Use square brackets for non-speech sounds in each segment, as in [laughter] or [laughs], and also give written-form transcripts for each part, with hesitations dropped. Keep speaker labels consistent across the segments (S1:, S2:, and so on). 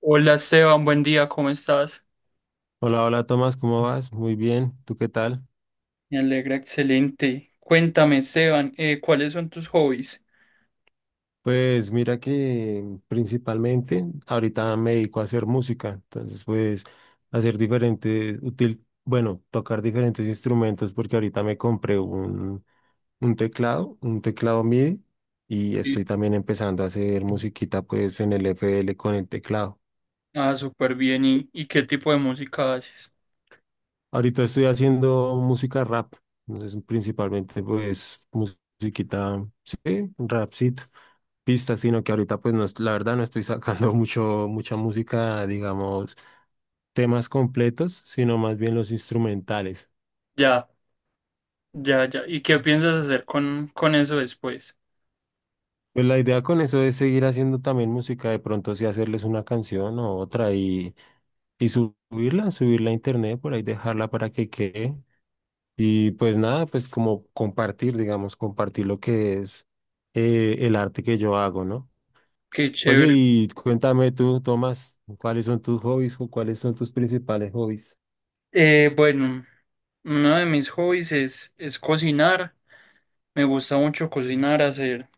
S1: Hola Esteban, buen día, ¿cómo estás?
S2: Hola, hola Tomás, ¿cómo vas? Muy bien, ¿tú qué tal?
S1: Me alegra, excelente. Cuéntame, Esteban, ¿cuáles son tus hobbies?
S2: Pues mira que principalmente ahorita me dedico a hacer música, entonces pues hacer diferentes, útil, bueno, tocar diferentes instrumentos porque ahorita me compré un teclado MIDI y
S1: Sí.
S2: estoy también empezando a hacer musiquita pues en el FL con el teclado.
S1: Ah, súper bien. ¿Y qué tipo de música haces?
S2: Ahorita estoy haciendo música rap, entonces principalmente pues musiquita, sí, rapcito. Pistas, sino que ahorita pues no, la verdad no estoy sacando [laughs] mucha música, digamos, temas completos, sino más bien los instrumentales.
S1: Ya, ya, ya. ¿Y qué piensas hacer con, eso después?
S2: Pues la idea con eso es seguir haciendo también música, de pronto sí hacerles una canción o otra y subirla, subirla a internet, por ahí dejarla para que quede. Y pues nada, pues como compartir, digamos, compartir lo que es el arte que yo hago, ¿no?
S1: Qué
S2: Oye,
S1: chévere.
S2: y cuéntame tú, Tomás, ¿cuáles son tus hobbies o cuáles son tus principales hobbies?
S1: Bueno, uno de mis hobbies es cocinar. Me gusta mucho cocinar, hacer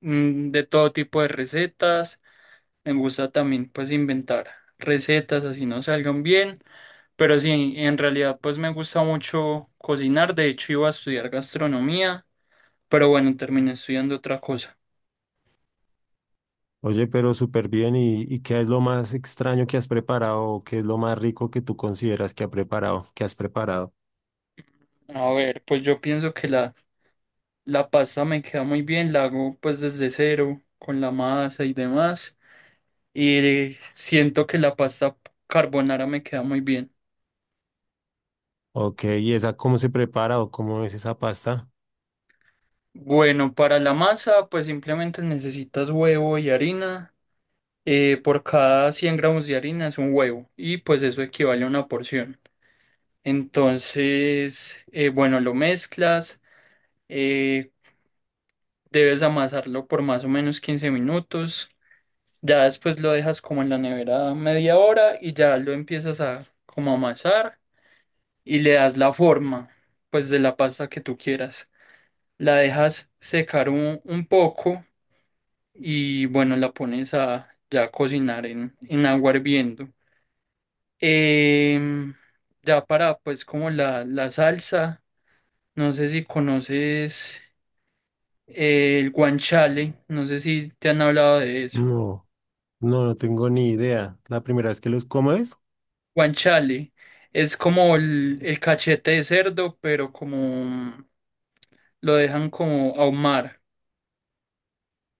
S1: de todo tipo de recetas. Me gusta también pues inventar recetas así no salgan bien, pero sí, en realidad pues me gusta mucho cocinar. De hecho, iba a estudiar gastronomía, pero bueno, terminé estudiando otra cosa.
S2: Oye, pero súper bien. Y qué es lo más extraño que has preparado? ¿O qué es lo más rico que tú consideras que ha preparado, que has preparado?
S1: A ver, pues yo pienso que la pasta me queda muy bien, la hago pues desde cero con la masa y demás, y siento que la pasta carbonara me queda muy bien.
S2: Ok, ¿y esa cómo se prepara o cómo es esa pasta?
S1: Bueno, para la masa pues simplemente necesitas huevo y harina. Por cada 100 gramos de harina es un huevo y pues eso equivale a una porción. Entonces, bueno, lo mezclas, eh, debes amasarlo por más o menos 15 minutos, ya después lo dejas como en la nevera media hora y ya lo empiezas a como amasar y le das la forma pues de la pasta que tú quieras. La dejas secar un, poco y bueno, la pones a ya cocinar en, agua hirviendo. Em, ya para pues como la salsa, no sé si conoces el guanchale, no sé si te han hablado de eso.
S2: No, no, no tengo ni idea. La primera vez que los, ¿cómo es?
S1: Guanchale es como el cachete de cerdo, pero como lo dejan como ahumar.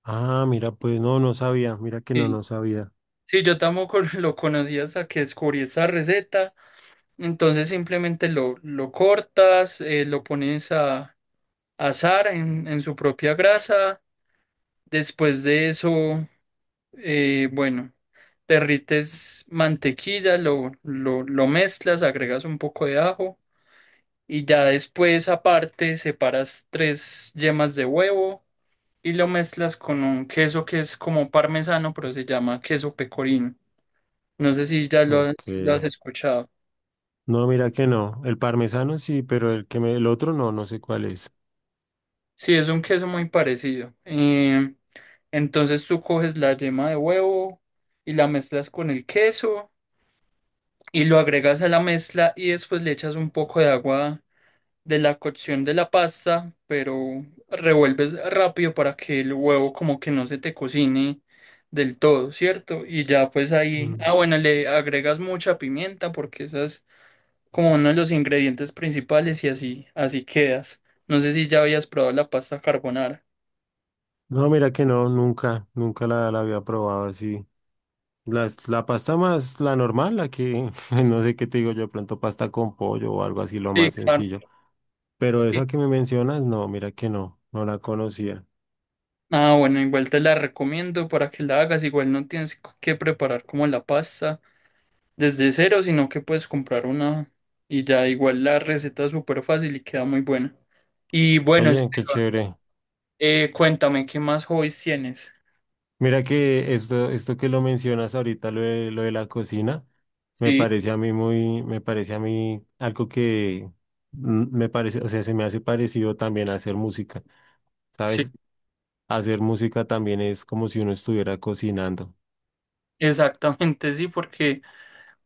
S2: Ah, mira, pues no, no sabía. Mira que no,
S1: Sí,
S2: no sabía.
S1: sí, yo tampoco [laughs] lo conocía hasta que descubrí esa receta. Entonces simplemente lo, cortas, lo pones a asar en su propia grasa. Después de eso, bueno, derrites mantequilla, lo mezclas, agregas un poco de ajo y ya después aparte separas tres yemas de huevo y lo mezclas con un queso que es como parmesano, pero se llama queso pecorino. No sé si ya lo,
S2: Ok.
S1: lo has escuchado.
S2: No, mira que no. El parmesano sí, pero el que me, el otro no, no sé cuál es.
S1: Sí, es un queso muy parecido. Entonces tú coges la yema de huevo y la mezclas con el queso y lo agregas a la mezcla y después le echas un poco de agua de la cocción de la pasta, pero revuelves rápido para que el huevo como que no se te cocine del todo, ¿cierto? Y ya pues ahí,
S2: Mm.
S1: ah, bueno, le agregas mucha pimienta porque esa es como uno de los ingredientes principales y así, así quedas. No sé si ya habías probado la pasta carbonara.
S2: No, mira que no, nunca, la había probado así. Las la pasta más, la normal, la que, [laughs] no sé qué te digo yo, de pronto pasta con pollo o algo así, lo
S1: Sí,
S2: más
S1: claro.
S2: sencillo. Pero
S1: Sí.
S2: esa que me mencionas, no, mira que no, no la conocía.
S1: Ah, bueno, igual te la recomiendo para que la hagas, igual no tienes que preparar como la pasta desde cero, sino que puedes comprar una y ya igual la receta es súper fácil y queda muy buena. Y bueno,
S2: Oye,
S1: este,
S2: qué chévere.
S1: cuéntame, ¿qué más hobbies tienes?
S2: Mira que esto que lo mencionas ahorita, lo de la cocina, me
S1: Sí,
S2: parece a mí muy, me parece a mí algo que me parece, o sea, se me hace parecido también a hacer música,
S1: sí,
S2: ¿sabes? Hacer música también es como si uno estuviera cocinando.
S1: [laughs] exactamente, sí, porque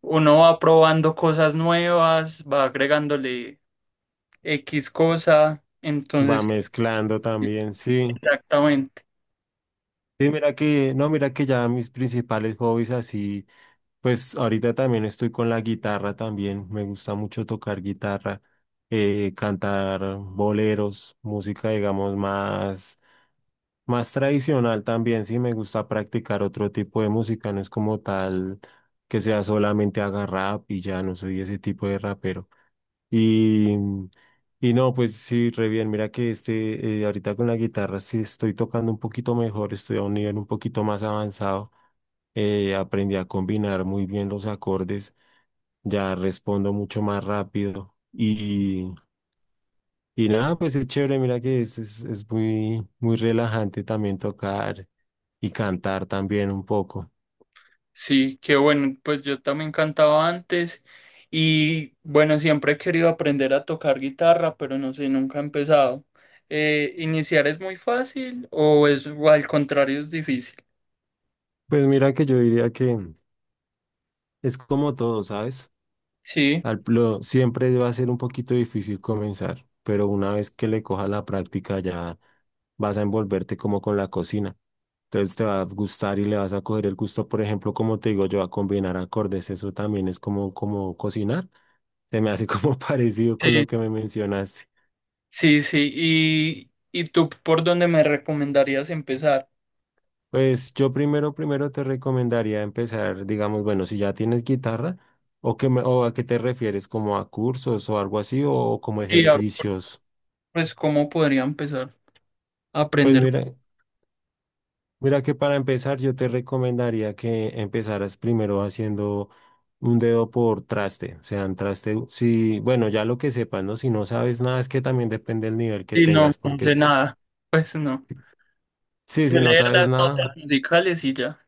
S1: uno va probando cosas nuevas, va agregándole X cosa,
S2: Va
S1: entonces,
S2: mezclando
S1: sí,
S2: también, sí.
S1: exactamente.
S2: Sí, mira que, no, mira que ya mis principales hobbies así, pues ahorita también estoy con la guitarra también, me gusta mucho tocar guitarra, cantar boleros, música digamos más, más tradicional también, sí me gusta practicar otro tipo de música, no es como tal que sea solamente haga rap y ya no soy ese tipo de rapero. Y, y no, pues sí, re bien. Mira que este, ahorita con la guitarra sí estoy tocando un poquito mejor, estoy a un nivel un poquito más avanzado. Aprendí a combinar muy bien los acordes, ya respondo mucho más rápido. Y nada, pues es chévere, mira que es muy, muy relajante también tocar y cantar también un poco.
S1: Sí, qué bueno, pues yo también cantaba antes y bueno, siempre he querido aprender a tocar guitarra, pero no sé, nunca he empezado. ¿Iniciar es muy fácil o es o al contrario es difícil?
S2: Pues mira que yo diría que es como todo, ¿sabes?
S1: Sí,
S2: Siempre va a ser un poquito difícil comenzar, pero una vez que le cojas la práctica ya vas a envolverte como con la cocina. Entonces te va a gustar y le vas a coger el gusto, por ejemplo, como te digo yo, a combinar acordes, eso también es como, como cocinar. Se me hace como [laughs] parecido con
S1: sí,
S2: lo que me mencionaste.
S1: sí, sí. ¿Y tú por dónde me recomendarías empezar?
S2: Pues yo primero, primero te recomendaría empezar, digamos, bueno, si ya tienes guitarra, o, o a qué te refieres, como a cursos o algo así, o como
S1: Y a-
S2: ejercicios.
S1: pues cómo podría empezar a
S2: Pues
S1: aprender.
S2: mira. Mira que para empezar yo te recomendaría que empezaras primero haciendo un dedo por traste, o sea, un traste, si, bueno, ya lo que sepas, ¿no? Si no sabes nada, es que también depende del nivel que
S1: Sí, no,
S2: tengas,
S1: no
S2: porque
S1: sé nada, pues no.
S2: sí,
S1: Sé
S2: si no
S1: leer
S2: sabes
S1: las
S2: nada,
S1: notas musicales y ya.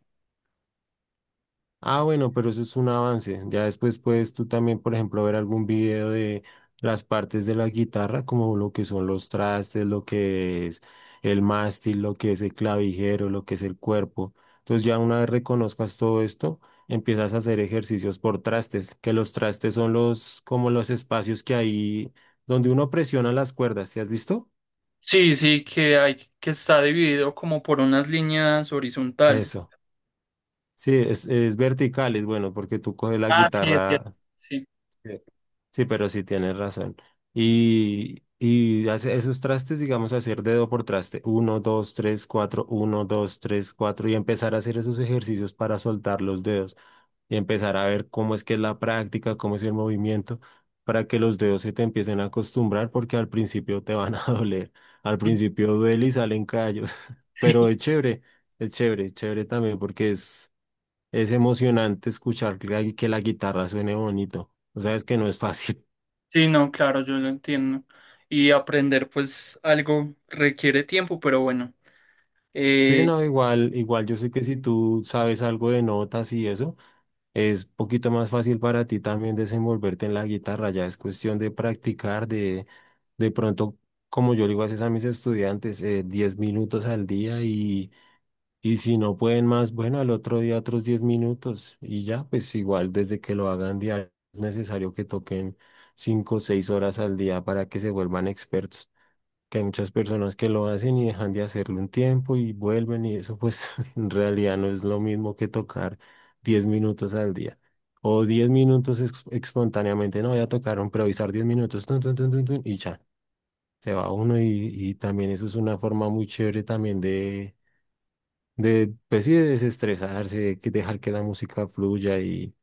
S2: ah, bueno, pero eso es un avance. Ya después puedes tú también, por ejemplo, ver algún video de las partes de la guitarra, como lo que son los trastes, lo que es el mástil, lo que es el clavijero, lo que es el cuerpo. Entonces ya una vez reconozcas todo esto, empiezas a hacer ejercicios por trastes, que los trastes son los, como los espacios que hay donde uno presiona las cuerdas. ¿Sí has visto?
S1: Sí, sí, que está dividido como por unas líneas horizontales.
S2: Eso. Sí, es vertical, es bueno, porque tú coges la
S1: Ah, sí, es cierto.
S2: guitarra.
S1: Sí.
S2: Sí, pero sí tienes razón. Y hace esos trastes, digamos, hacer dedo por traste, uno, dos, tres, cuatro, uno, dos, tres, cuatro, y empezar a hacer esos ejercicios para soltar los dedos y empezar a ver cómo es que es la práctica, cómo es el movimiento, para que los dedos se te empiecen a acostumbrar, porque al principio te van a [laughs] doler, al
S1: [laughs]
S2: principio duele y salen callos, [laughs]
S1: Sí,
S2: pero es chévere, es chévere también porque es emocionante escuchar que la guitarra suene bonito, o sea, es que no es fácil.
S1: sí, no, claro, yo lo entiendo. Y aprender, pues, algo requiere tiempo, pero bueno.
S2: Sí,
S1: Eh,
S2: no, igual, igual yo sé que si tú sabes algo de notas y eso, es poquito más fácil para ti también desenvolverte en la guitarra, ya es cuestión de practicar, de pronto, como yo le digo a veces a mis estudiantes, 10 minutos al día y si no pueden más, bueno, al otro día otros 10 minutos y ya, pues igual desde que lo hagan diario, es necesario que toquen 5 o 6 horas al día para que se vuelvan expertos, que hay muchas personas que lo hacen y dejan de hacerlo un tiempo y vuelven y eso pues [laughs] en realidad no es lo mismo que tocar 10 minutos al día o 10 minutos espontáneamente, no voy a tocar, improvisar 10 minutos tun, tun, tun, tun, tun, y ya, se va uno y también eso es una forma muy chévere también de pues sí, de desestresarse, de que dejar que la música fluya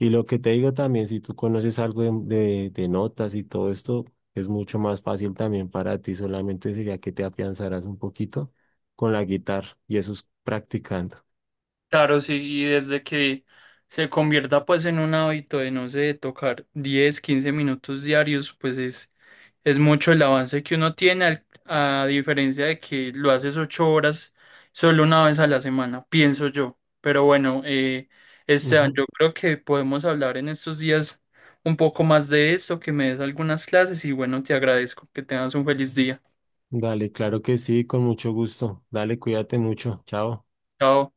S2: y lo que te digo también, si tú conoces algo de, de notas y todo esto, es mucho más fácil también para ti. Solamente sería que te afianzaras un poquito con la guitarra y eso es practicando.
S1: claro, sí, y desde que se convierta, pues, en un hábito de, no sé, tocar 10, 15 minutos diarios, pues es mucho el avance que uno tiene, a diferencia de que lo haces 8 horas solo una vez a la semana, pienso yo. Pero bueno, Esteban,
S2: Ujú.
S1: yo creo que podemos hablar en estos días un poco más de esto, que me des algunas clases y bueno, te agradezco que tengas un feliz día.
S2: Dale, claro que sí, con mucho gusto. Dale, cuídate mucho. Chao.
S1: Chao.